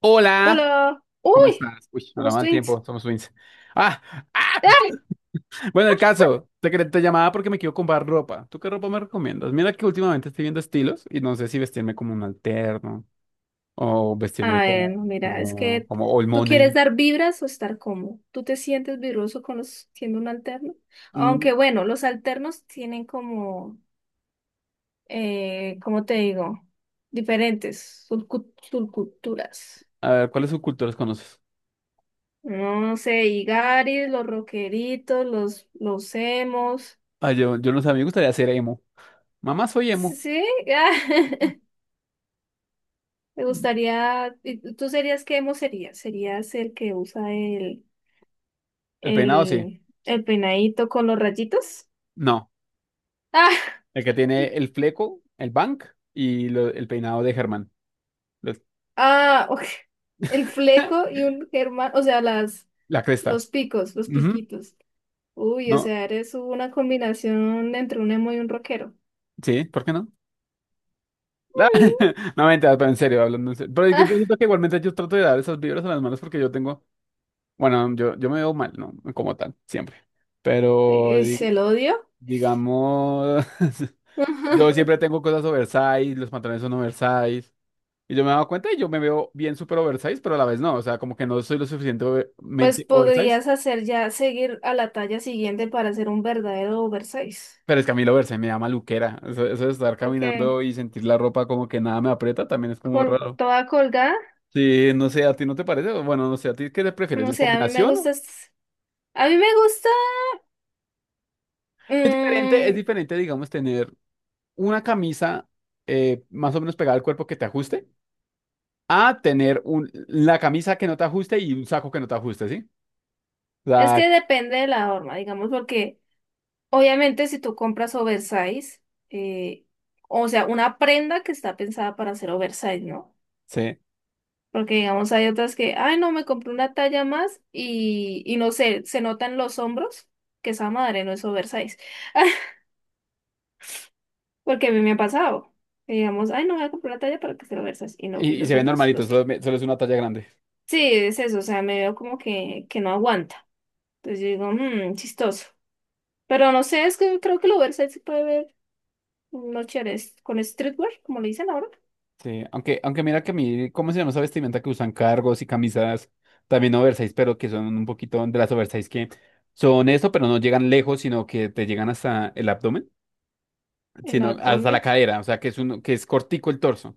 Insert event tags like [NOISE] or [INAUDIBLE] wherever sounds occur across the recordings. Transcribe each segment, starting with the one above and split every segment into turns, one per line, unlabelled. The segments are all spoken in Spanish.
Hola,
Hola. Uy,
¿cómo estás? Uy,
somos
hablamos al
twins.
tiempo, somos twins. Ah, ah.
¡Ah!
[LAUGHS] Bueno, el caso, te llamaba porque me quiero comprar ropa. ¿Tú qué ropa me recomiendas? Mira que últimamente estoy viendo estilos y no sé si vestirme como un alterno o vestirme
Ah, bueno, mira, es que
como old
tú quieres
money.
dar vibras o estar cómodo. ¿Tú te sientes vibroso con los siendo un alterno?
Mm,
Aunque bueno, los alternos tienen como, ¿cómo te digo? Diferentes subculturas.
a ver, ¿cuáles subculturas conoces?
No sé, Igaris, los rockeritos, los emos.
Ah, yo no sé, a mí me gustaría ser emo. Mamá, soy emo.
Sí, ah, [LAUGHS] me gustaría. ¿Y ¿Tú serías qué emo serías? ¿Serías el que usa el
El peinado sí.
El, el peinadito con los rayitos.
No,
Ah,
el que tiene el fleco, el bank el peinado de Germán. Los-
ah, ok. El fleco
[LAUGHS]
y un germán, o sea,
La cresta.
los picos, los piquitos. Uy, o
No,
sea, eres una combinación entre un emo y un rockero.
sí, ¿por qué no? [LAUGHS] La- No, mentira, pero en serio, hablando en serio. Pero es que yo
Ah,
siento que igualmente yo trato de dar esas vibras a las manos porque yo tengo, bueno, yo me veo mal, ¿no? Como tal, siempre. Pero
¿es
di-
el odio?
digamos, [LAUGHS] yo siempre
[LAUGHS]
tengo cosas oversize, los pantalones son oversize. Y yo me he dado cuenta y yo me veo bien súper oversize, pero a la vez no. O sea, como que no soy lo
Pues
suficientemente oversize.
podrías hacer ya seguir a la talla siguiente para ser un verdadero oversize.
Pero es que a mí lo oversize me da maluquera. Eso de estar caminando
Porque
y sentir la ropa como que nada me aprieta también es como
col
raro.
toda colgada,
Sí, no sé, ¿a ti no te parece? Bueno, no sé, ¿a ti qué te prefieres?
no
¿La
sé, a mí me
combinación?
gusta,
O-
a mí me gusta.
Es diferente, digamos, tener una camisa más o menos pegada al cuerpo que te ajuste, a tener un, la camisa que no te ajuste y un saco que no te ajuste, ¿sí? O
Es que
sea,
depende de la forma, digamos, porque obviamente si tú compras oversize, eh, o sea, una prenda que está pensada para hacer oversize, ¿no?
sí.
Porque digamos, hay otras que, ay, no, me compré una talla más y no sé, se notan los hombros, que esa madre no es oversize. [LAUGHS] Porque a mí me ha pasado. Que Digamos, ay, no voy a comprar una talla para que sea oversize. Y no,
Y,
y
y se
los
ve
hombros,
normalito,
los.
solo es una talla grande.
Sí, es eso, o sea, me veo como que no aguanta. Entonces yo digo, mmm, chistoso. Pero no sé, es que creo que el oversize se puede ver unos chéveres con streetwear, como le dicen ahora,
Sí, aunque, aunque mira que a mí, ¿cómo se llama esa vestimenta que usan cargos y camisas también oversize, pero que son un poquito de las oversize que son eso, pero no llegan lejos, sino que te llegan hasta el abdomen?
el
Sino hasta la
abdomen.
cadera, o sea, que es uno, que es cortico el torso,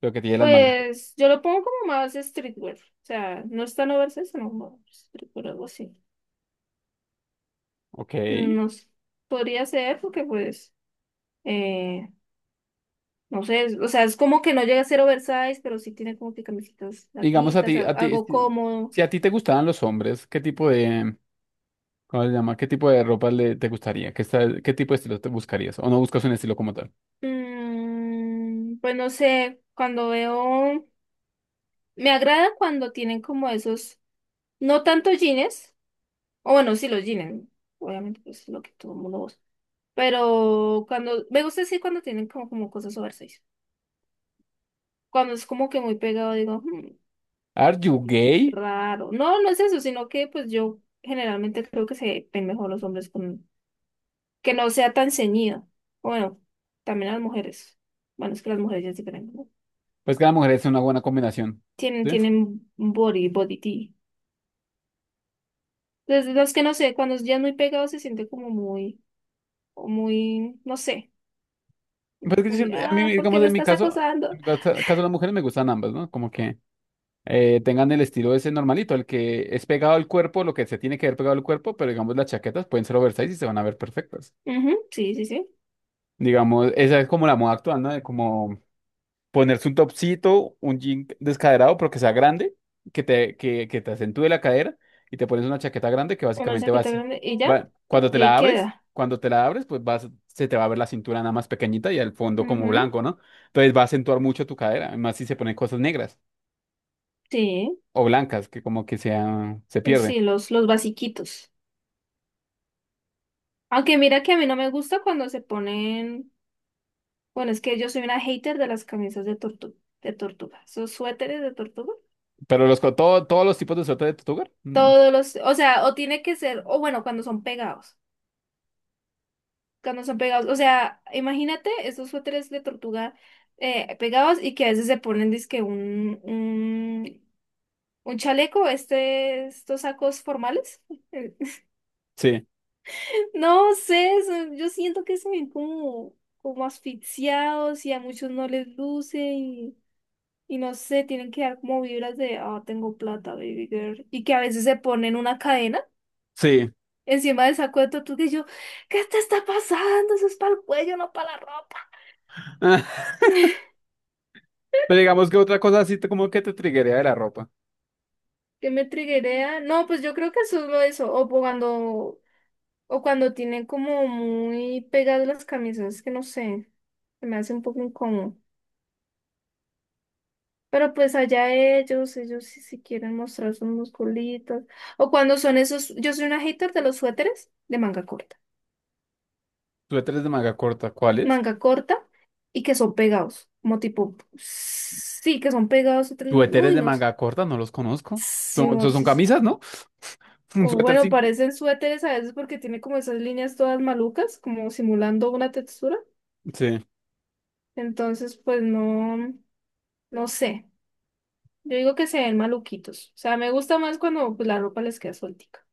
pero que tiene las mangas.
Pues yo lo pongo como más streetwear. O sea, no es tan oversize, sino como streetwear, algo así.
Ok.
No sé, podría ser porque pues, eh, no sé, o sea, es como que no llega a ser oversize, pero sí tiene como que camisetas
Digamos
larguitas, algo
si
cómodo.
si a ti te gustaban los hombres, ¿qué tipo de, cómo se llama? ¿Qué tipo de ropa le, te gustaría? ¿Qué tipo de estilo te buscarías? ¿O no buscas un estilo como tal?
Mm, pues no sé, cuando veo, me agrada cuando tienen como esos, no tanto jeans, o bueno, sí los jeans, obviamente pues lo que todo el mundo usa. Pero cuando, me gusta decir cuando tienen como, como cosas oversize. Cuando es como que muy pegado, digo, "Hmm,
¿Are you
sí,
gay?
raro". No, no es eso, sino que pues yo generalmente creo que se ven mejor los hombres con, que no sea tan ceñido. Bueno, también las mujeres. Bueno, es que las mujeres ya es diferente, ¿no?
Pues que la mujer es una buena combinación,
Tienen,
¿sí?
tienen body, body tea. Entonces, los que no sé, cuando ya es muy pegado se siente como muy, o muy, no sé,
Pues que yo
muy,
siempre- a mí,
ah, ¿por qué
digamos,
me estás
en
acosando?
mi caso, caso de las mujeres me gustan ambas, ¿no? Como que tengan el estilo ese normalito, el que es pegado al cuerpo, lo que se tiene que ver pegado al cuerpo, pero digamos las chaquetas pueden ser oversize y se van a ver perfectas.
Ujú, sí, sí, sí.
Digamos, esa es como la moda actual, ¿no? De como ponerse un topcito, un jean descaderado, pero que sea grande, que te acentúe la cadera y te pones una chaqueta grande que
Una
básicamente va a
chaqueta
ser-
grande y ya,
va-
y ahí queda.
cuando te la abres, pues vas, se te va a ver la cintura nada más pequeñita y al fondo como
Ujú,
blanco, ¿no? Entonces va a acentuar mucho tu cadera, además si se ponen cosas negras
sí,
o blancas, que como que sea, se pierde.
sí, los basiquitos. Aunque mira que a mí no me gusta cuando se ponen, bueno, es que yo soy una hater de las camisas de tortuga, esos suéteres de tortuga.
Pero todos los tipos de suerte de tu hogar,
Todos los, o sea, o tiene que ser, o bueno, cuando son pegados, o sea, imagínate esos suéteres de tortuga pegados y que a veces se ponen, dizque un chaleco, este, estos sacos formales.
sí,
No sé, yo siento que se ven como, como asfixiados y a muchos no les luce y no sé, tienen que dar como vibras de, ah, tengo plata, baby girl. Y que a veces se ponen una cadena
sí.
encima del saco de tortuga y yo, ¿qué te está pasando? Eso es para el cuello, no para la ropa.
[LAUGHS]
[LAUGHS]
Pero digamos que otra cosa así te- como que te triguería de la ropa.
¿Qué me triguea? No, pues yo creo que eso es lo de eso. Cuando, o cuando tienen como muy pegadas las camisas, que no sé, se me hace un poco incómodo. Pero pues allá ellos, ellos si quieren mostrar sus musculitos. O cuando son esos, yo soy una hater de los suéteres de manga corta.
Suéteres de manga corta, ¿cuáles?
Manga corta y que son pegados. Como tipo, sí, que son pegados otros.
Suéteres
Uy,
de
no sé.
manga corta, no los conozco.
Sí,
Son
Morchis.
camisas, ¿no? [LAUGHS] Un
O
suéter
bueno,
sin...
parecen suéteres a veces porque tiene como esas líneas todas malucas, como simulando una textura.
Sí,
Entonces, pues no, no sé. Yo digo que se ven maluquitos. O sea, me gusta más cuando pues, la ropa les queda sueltica.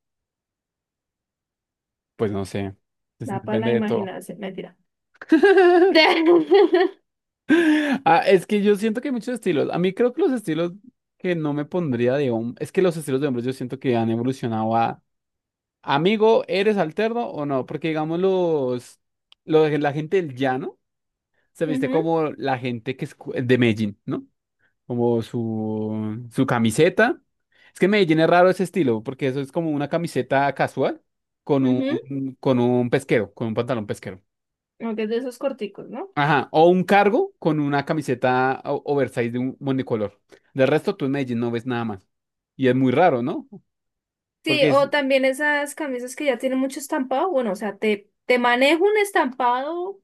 pues no sé. Es-
Da para la
Depende de todo.
imaginación, mentira.
[LAUGHS]
[LAUGHS] Ujú,
Ah, es que yo siento que hay muchos estilos. A mí creo que los estilos que no me pondría de hombre... Es que los estilos de hombres yo siento que han evolucionado a... Amigo, ¿eres alterno o no? Porque digamos los... la gente del llano se viste como la gente que es cu- de Medellín, ¿no? Como su camiseta. Es que en Medellín es raro ese estilo, porque eso es como una camiseta casual
ujú.
con un pesquero, con un pantalón pesquero.
Aunque es de esos corticos, ¿no?
Ajá, o un cargo con una camiseta o- oversize de un monocolor. Del resto, tú en Medellín no ves nada más. Y es muy raro, ¿no?
Sí,
Porque es,
o también esas camisas que ya tienen mucho estampado. Bueno, o sea, te manejo un estampado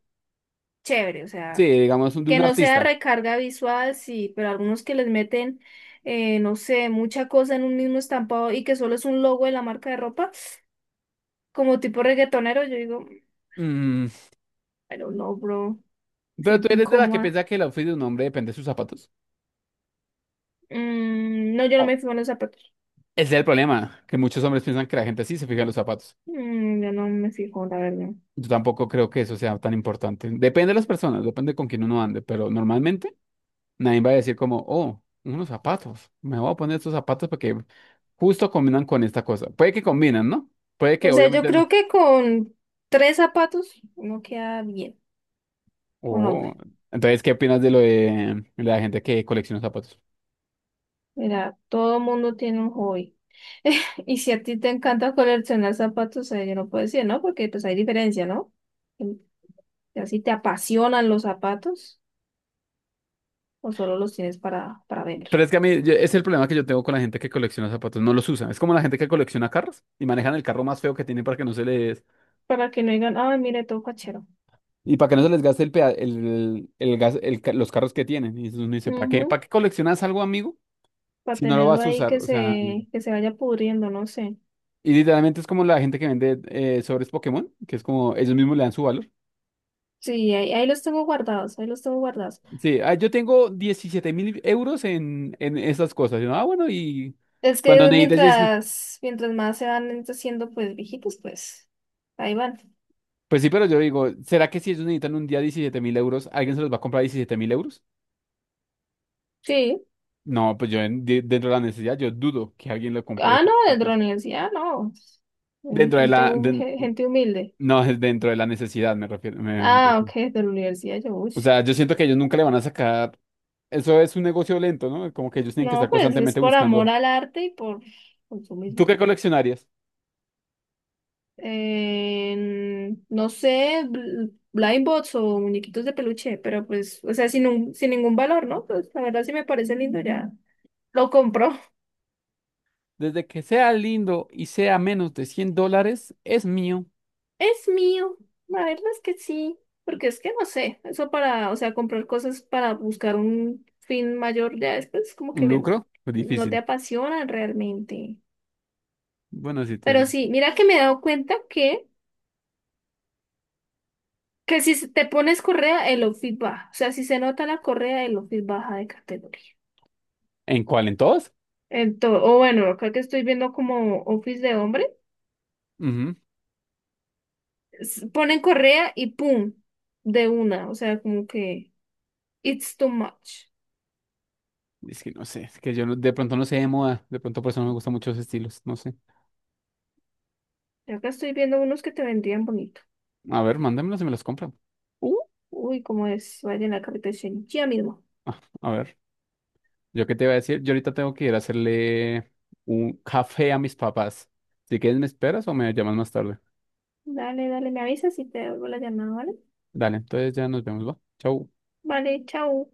chévere, o
sí,
sea,
digamos, un- de
que
un
no sea
artista.
recarga visual, sí, pero algunos que les meten, no sé, mucha cosa en un mismo estampado y que solo es un logo de la marca de ropa, como tipo reggaetonero, yo digo,
Mm,
pero no, bro, me
pero tú
siento
eres de la que
incómoda.
piensa que el outfit de un hombre depende de sus zapatos.
Mm, no, yo no me
Oh,
fijo en los zapatos.
ese es el problema, que muchos hombres piensan que la gente sí se fija en los zapatos.
Mm, yo no me fijo, la verdad.
Yo tampoco creo que eso sea tan importante. Depende de las personas, depende con quién uno ande, pero normalmente nadie va a decir como, oh, unos zapatos, me voy a poner estos zapatos porque justo combinan con esta cosa. Puede que combinan, ¿no? Puede que
O sea, yo
obviamente
creo
no.
que con tres zapatos uno queda bien, un
Oh,
hombre.
entonces, ¿qué opinas de la gente que colecciona zapatos?
Mira, todo mundo tiene un hobby. [LAUGHS] Y si a ti te encanta coleccionar zapatos, yo no puedo decir, ¿no? Porque pues hay diferencia, ¿no? En- Así te apasionan los zapatos o solo los tienes para ver.
Pero es que a mí yo- es el problema que yo tengo con la gente que colecciona zapatos, no los usan. Es como la gente que colecciona carros y manejan el carro más feo que tienen para que no se les,
Para que no digan, ay, mire, todo cachero.
y para que no se les gaste el gas, el ca- los carros que tienen. Y entonces uno dice, ¿para qué?
Ujú,
¿Para qué coleccionas algo, amigo?
para
Si no lo
tenerlo
vas a
ahí
usar. O sea,
que se vaya pudriendo, no sé.
y literalmente es como la gente que vende sobres Pokémon, que es como ellos mismos le dan su valor.
Sí, ahí, ahí los tengo guardados, ahí los tengo guardados.
Sí, ah, yo tengo 17.000 euros en esas cosas. Y uno, ah, bueno, y
Es
cuando
que
necesitas, 10
mientras, mientras más se van haciendo pues viejitos, pues ahí van.
pues sí, pero yo digo, ¿será que si ellos necesitan un día 17.000 euros, alguien se los va a comprar 17.000 euros?
Sí.
No, pues yo en- de- dentro de la necesidad, yo dudo que alguien lo compre
Ah, no,
ese- al
de la
precio.
universidad, no. Hay
Dentro de
gente,
la, den-
gente humilde.
No, es dentro de la necesidad, me refiero. Me
Ah, ok,
refiero.
de la universidad, yo, uy.
O sea, yo siento que ellos nunca le van a sacar. Eso es un negocio lento, ¿no? Como que ellos tienen que estar
No, pues es
constantemente
por amor
buscando.
al arte y por
¿Tú
consumismo.
qué coleccionarías?
No sé, blind bots o muñequitos de peluche, pero pues, o sea, sin ningún valor, ¿no? Pues la verdad sí me parece lindo, ya lo compro.
Desde que sea lindo y sea menos de 100 dólares, es mío.
Es mío, la verdad es que sí, porque es que no sé, eso para, o sea, comprar cosas para buscar un fin mayor ya después como
¿Un
que
lucro? Pues
no te
difícil.
apasionan realmente.
Bueno, sí, te...
Pero sí, mira que me he dado cuenta que si te pones correa, el outfit baja, o sea, si se nota la correa, el outfit baja de categoría.
¿En cuál? ¿En todos?
Entonces, o bueno, acá que estoy viendo como outfits de hombre,
Ujú.
ponen correa y pum, de una, o sea, como que it's too much.
Es que no sé, es que yo no- de pronto no sé de moda. De pronto por eso no me gustan muchos estilos, no sé.
Y acá estoy viendo unos que te vendrían bonito.
A ver, mándamelos y me los compro. Uh,
Uy, como es, vaya en la carretera ya mismo.
ah, a ver. Yo qué te iba a decir, yo ahorita tengo que ir a hacerle un café a mis papás. Si quieres, ¿me esperas o me llamas más tarde?
Dale, dale, me avisas y te devuelvo la llamada, ¿vale?
Dale, entonces ya nos vemos, ¿va? Chau.
Vale, chao.